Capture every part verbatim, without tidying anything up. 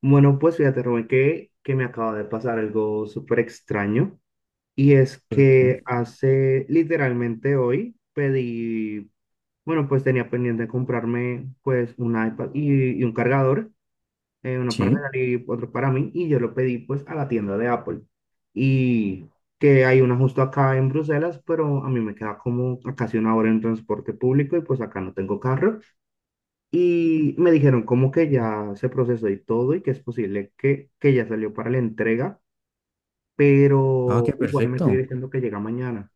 Bueno, pues fíjate, Rubén, que, que me acaba de pasar algo súper extraño. Y es ¿Por qué? que hace literalmente hoy pedí, bueno, pues tenía pendiente comprarme pues un iPad y, y un cargador, eh, uno para Sí. regalar y otro para mí. Y yo lo pedí pues a la tienda de Apple. Y que hay una justo acá en Bruselas, pero a mí me queda como a casi una hora en transporte público y pues acá no tengo carro. Y me dijeron como que ya se procesó y todo y que es posible que, que ya salió para la entrega, Ah, pero ok, igual me sigue perfecto. diciendo que llega mañana.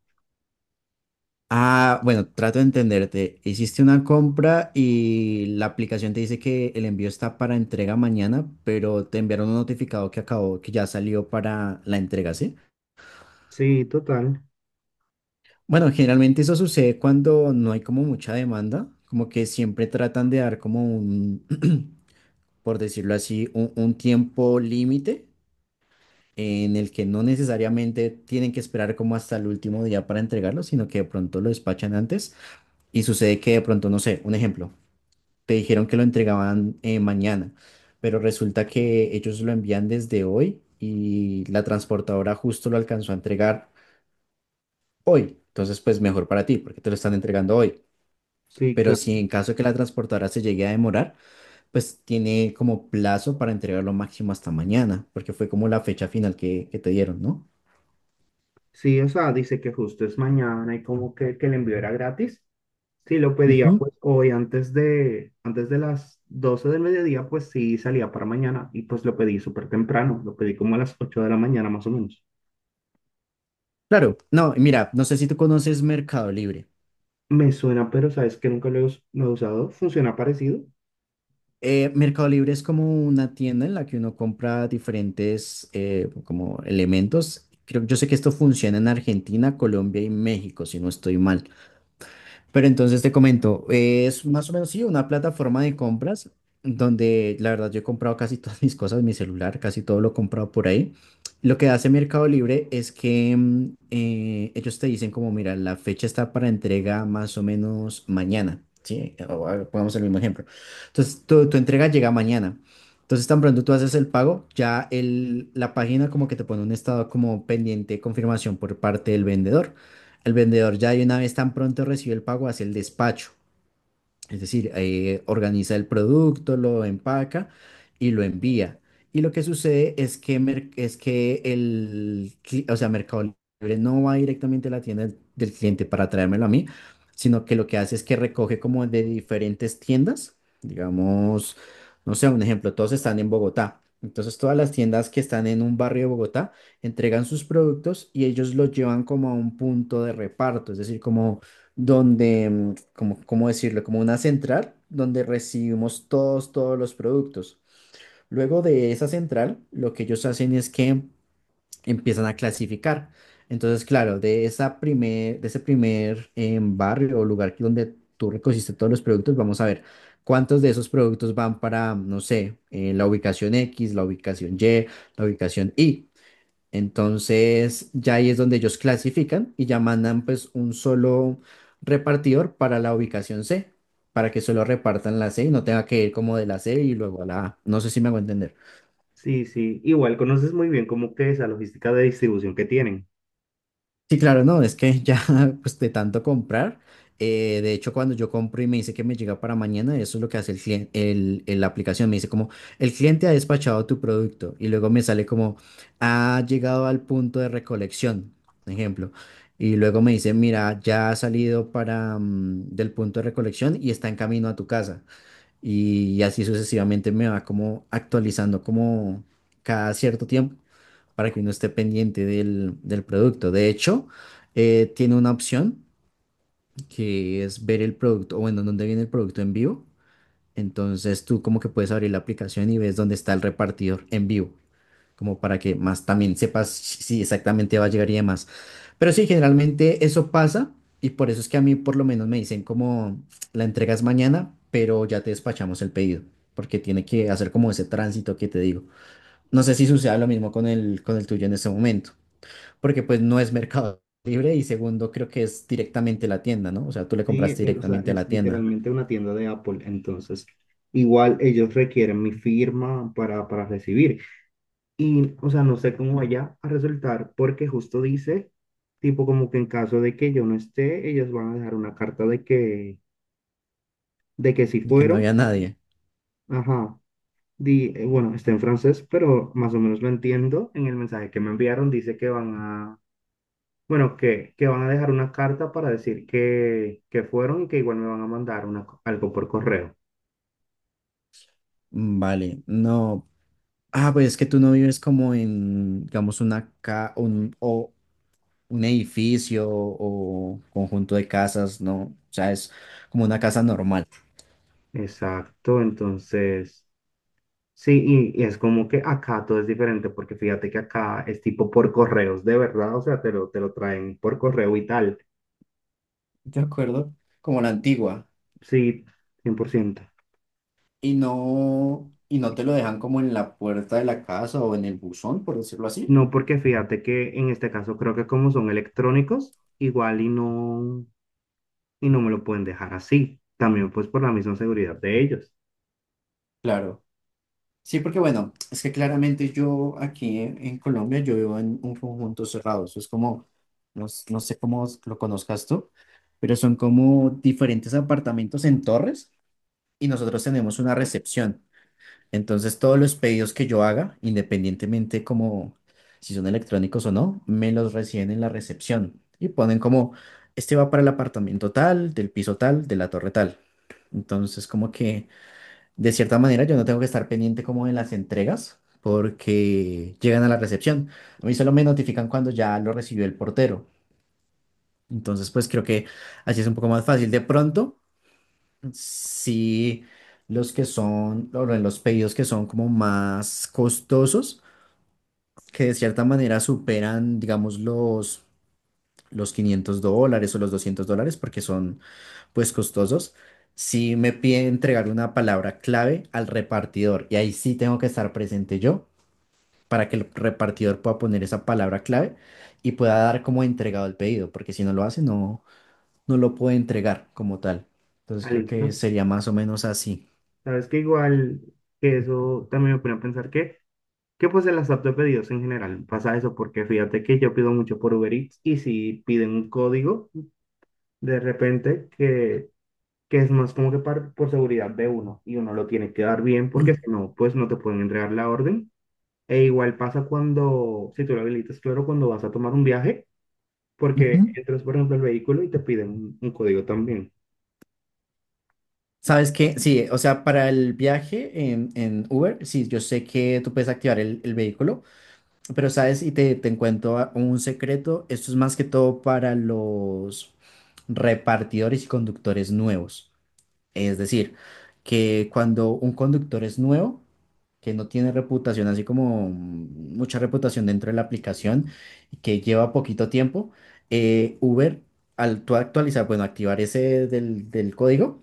Ah, bueno, trato de entenderte. Hiciste una compra y la aplicación te dice que el envío está para entrega mañana, pero te enviaron un notificado que acabó, que ya salió para la entrega, ¿sí? Sí, total. Bueno, generalmente eso sucede cuando no hay como mucha demanda, como que siempre tratan de dar como un, por decirlo así, un, un tiempo límite en el que no necesariamente tienen que esperar como hasta el último día para entregarlo, sino que de pronto lo despachan antes. Y sucede que de pronto, no sé, un ejemplo, te dijeron que lo entregaban eh, mañana, pero resulta que ellos lo envían desde hoy y la transportadora justo lo alcanzó a entregar hoy. Entonces, pues mejor para ti, porque te lo están entregando hoy. Sí, Pero claro. si en caso de que la transportadora se llegue a demorar, pues tiene como plazo para entregarlo máximo hasta mañana, porque fue como la fecha final que, que te dieron, ¿no? Sí, o sea, dice que justo es mañana y como que, que el envío era gratis. Si lo pedía Ujú. pues hoy antes de, antes de las doce del mediodía, pues sí salía para mañana y pues lo pedí súper temprano, lo pedí como a las ocho de la mañana más o menos. Claro, no, mira, no sé si tú conoces Mercado Libre. Me suena, pero sabes que nunca lo he, us- lo he usado. ¿Funciona parecido? Eh, Mercado Libre es como una tienda en la que uno compra diferentes eh, como elementos. Creo, yo sé que esto funciona en Argentina, Colombia y México, si no estoy mal. Pero entonces te comento, eh, es más o menos sí, una plataforma de compras donde la verdad yo he comprado casi todas mis cosas, mi celular, casi todo lo he comprado por ahí. Lo que hace Mercado Libre es que mm, eh, ellos te dicen como, mira, la fecha está para entrega más o menos mañana, ¿sí? O, ah, pongamos el mismo ejemplo. Entonces tu, tu entrega llega mañana. Entonces tan pronto tú haces el pago, ya el, la página como que te pone un estado como pendiente de confirmación por parte del vendedor al vendedor ya de una vez tan pronto recibió el pago hacia el despacho. Es decir, eh, organiza el producto, lo empaca y lo envía. Y lo que sucede es que, mer- es que el, cli- o sea, Mercado Libre no va directamente a la tienda del del cliente para traérmelo a mí, sino que lo que hace es que recoge como de diferentes tiendas. Digamos, no sé, un ejemplo, todos están en Bogotá. Entonces, todas las tiendas que están en un barrio de Bogotá entregan sus productos y ellos los llevan como a un punto de reparto, es decir, como donde, mm, como, ¿cómo decirlo? Como una central donde recibimos todos, todos los productos. Luego de esa central, lo que ellos hacen es que empiezan a clasificar. Entonces, claro, de esa primer, de ese primer em, barrio o lugar que- donde tú recogiste todos los productos, vamos a ver cuántos de esos productos van para, no sé, eh, la ubicación X, la ubicación Y, la ubicación Y. Entonces, ya ahí es donde ellos clasifican y ya mandan pues un solo repartidor para la ubicación C, para que solo repartan la C y no tenga que ir como de la C y luego a la A. No sé si me hago entender. Sí, sí, igual conoces muy bien cómo que esa logística de distribución que tienen. Sí, claro, no, es que ya pues de tanto comprar, eh, de hecho cuando yo compro y me dice que me llega para mañana, eso es lo que hace el cliente, el, el- la aplicación, me dice como, el cliente ha despachado tu producto y luego me sale como, ha llegado al punto de recolección, por ejemplo, y luego me dice, mira, ya ha salido para, mm, del punto de recolección y está en camino a tu casa y, y así sucesivamente me va como actualizando como cada cierto tiempo para que uno esté pendiente del, del producto. De hecho, eh, tiene una opción que es ver el producto, o bueno, dónde viene el producto en vivo. Entonces tú como que puedes abrir la aplicación y ves dónde está el repartidor en vivo como para que más también sepas si si exactamente va a llegar y demás. Pero sí, generalmente eso pasa y por eso es que a mí por lo menos me dicen como la entregas mañana, pero ya te despachamos el pedido, porque tiene que hacer como ese tránsito que te digo. No sé si suceda lo mismo con el, con el tuyo en este momento, porque pues no es Mercado Libre y segundo creo que es directamente la tienda, ¿no? O sea, tú le Sí, compraste eh, o sea, directamente a es la tienda, literalmente una tienda de Apple, entonces igual ellos requieren mi firma para, para recibir. Y, o sea, no sé cómo vaya a resultar porque justo dice, tipo como que en caso de que yo no esté, ellos van a dejar una carta de que, de que si de que no fueron, había nadie. ajá, di, eh, bueno, está en francés, pero más o menos lo entiendo. En el mensaje que me enviaron dice que van a Bueno, que, que van a dejar una carta para decir que, que fueron y que igual me van a mandar una co- algo por correo. Mm, Vale, no. Ah, pues es que tú no vives como en, digamos, una ca un, o un edificio o conjunto de casas, ¿no? O sea, es como una casa normal, Exacto, entonces, sí, y, y es como que acá todo es diferente porque fíjate que acá es tipo por correos, de verdad, o sea, te lo, te lo traen por correo y tal. ¿de acuerdo? Como la antigua. Sí, cien por ciento. Y no, y no te lo dejan como en la puerta de la casa o en el buzón, por decirlo así. No, porque fíjate que en este caso creo que como son electrónicos, igual y no, y no me lo pueden dejar así. También pues por la misma seguridad de ellos. Claro. Sí, porque bueno, es que claramente yo aquí en, en Colombia, yo vivo en un conjunto cerrado. Eso es como, no, s- no sé cómo lo conozcas tú, pero son como diferentes apartamentos en torres y nosotros tenemos una recepción. Entonces, todos los pedidos que yo haga, independientemente como si son electrónicos o no, me los reciben en la recepción y ponen como, este va para el apartamento tal, del piso tal, de la torre tal. Entonces, como que de cierta manera yo no tengo que estar pendiente como de las entregas porque llegan a la recepción. A mí solo me notifican cuando ya lo recibió el portero. Entonces, pues creo que así es un poco más fácil. De pronto, sí, los que son, o bueno, los pedidos que son como más costosos, que de cierta manera superan, digamos, los, los quinientos dólares o los doscientos dólares, porque son, pues, costosos. Sí me pide entregar una palabra clave al repartidor y ahí sí tengo que estar presente yo para que el repartidor pueda poner esa palabra clave y pueda dar como entregado el pedido, porque si no lo hace, no, no lo puede entregar como tal. Entonces Ah, creo que listo. sería más o menos así. Sabes que igual que eso también me pone a pensar que, que pues en las apps de pedidos en general pasa eso, porque fíjate que yo pido mucho por Uber Eats y si piden un código, de repente que, que es más como que par- por seguridad de uno y uno lo tiene que dar bien porque si no, pues no te pueden entregar la orden. E igual pasa cuando, si tú lo habilitas, claro, cuando vas a tomar un viaje, porque Ujú. entras, por ejemplo, al vehículo y te piden un, un código también. ¿Sabes qué? Sí, o sea, para el viaje en, en Uber, sí, yo sé que tú puedes activar el, el vehículo, pero sabes, y te, te cuento a- un secreto, esto es más que todo para los repartidores y conductores nuevos. Es decir, que cuando un conductor es nuevo, que no tiene reputación, así como mm, mucha reputación dentro de la aplicación, y que lleva poquito tiempo, eh, Uber, al tú actualizar, bueno, activar ese del del código,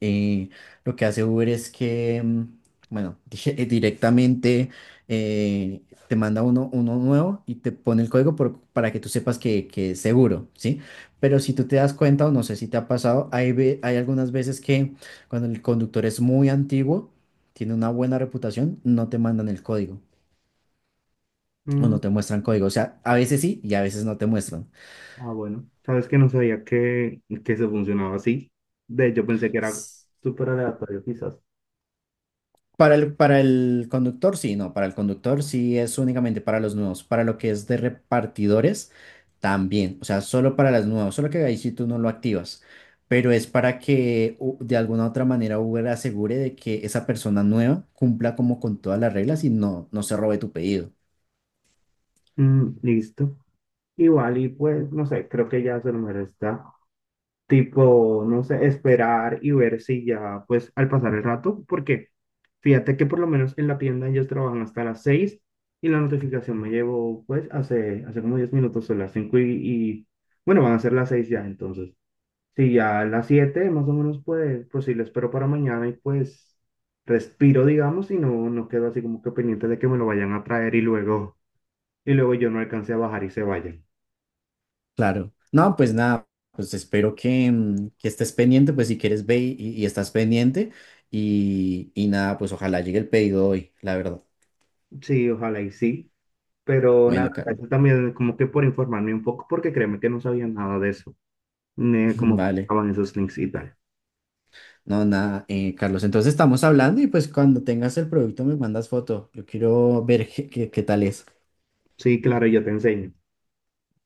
eh, lo que hace Uber es que, mm, bueno, di- eh, directamente eh, te manda uno, uno nuevo y te pone el código por- para que tú sepas que, que es seguro, ¿sí? Pero si tú te das cuenta, o no sé si te ha pasado, hay, ve- hay algunas veces que cuando el conductor es muy antiguo, tiene una buena reputación, no te mandan el código o Mm, no te muestran código. O sea, a veces sí y a veces no te muestran. Ah, bueno. Sabes que no sabía que, que se funcionaba así. De hecho, pensé que era súper aleatorio, quizás. Para el, para el conductor, sí, no, para el conductor sí es únicamente para los nuevos, para lo que es de repartidores también, o sea, solo para las nuevas, solo que ahí sí tú no lo activas, pero es para que u- de alguna otra manera Uber asegure de que esa persona nueva cumpla como con todas las reglas y no, no se robe tu pedido. Mm, listo. Igual, y pues, no sé, creo que ya se me está tipo, no sé, esperar y ver si ya, pues, al pasar el rato, porque fíjate que por lo menos en la tienda ellos trabajan hasta las seis y la notificación me llegó, pues, hace, hace como diez minutos, son las cinco y, y, bueno, van a ser las seis ya, entonces. Sí, ya a las siete más o menos puede pues sí, lo espero para mañana y pues respiro, digamos, y no, no quedo así como que pendiente de que me lo vayan a traer y luego, y luego yo no alcance a bajar y se vayan. Claro. No, pues nada, pues espero que, mm, que estés pendiente, pues si quieres ve y, y estás pendiente y, y nada, pues ojalá llegue el pedido hoy, la verdad. Sí, ojalá y sí, pero nada, Bueno, Carlos, gracias también como que por informarme un poco porque créeme que no sabía nada de eso, ni de cómo vale. funcionaban esos links y tal. No, nada, eh, Carlos. Entonces estamos hablando y pues cuando tengas el producto me mandas foto. Yo quiero ver qué, qué qué tal es. Sí, claro, yo te enseño.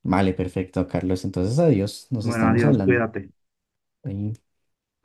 Vale, perfecto, Carlos. Entonces adiós, nos Bueno, estamos adiós, hablando. cuídate. Ahí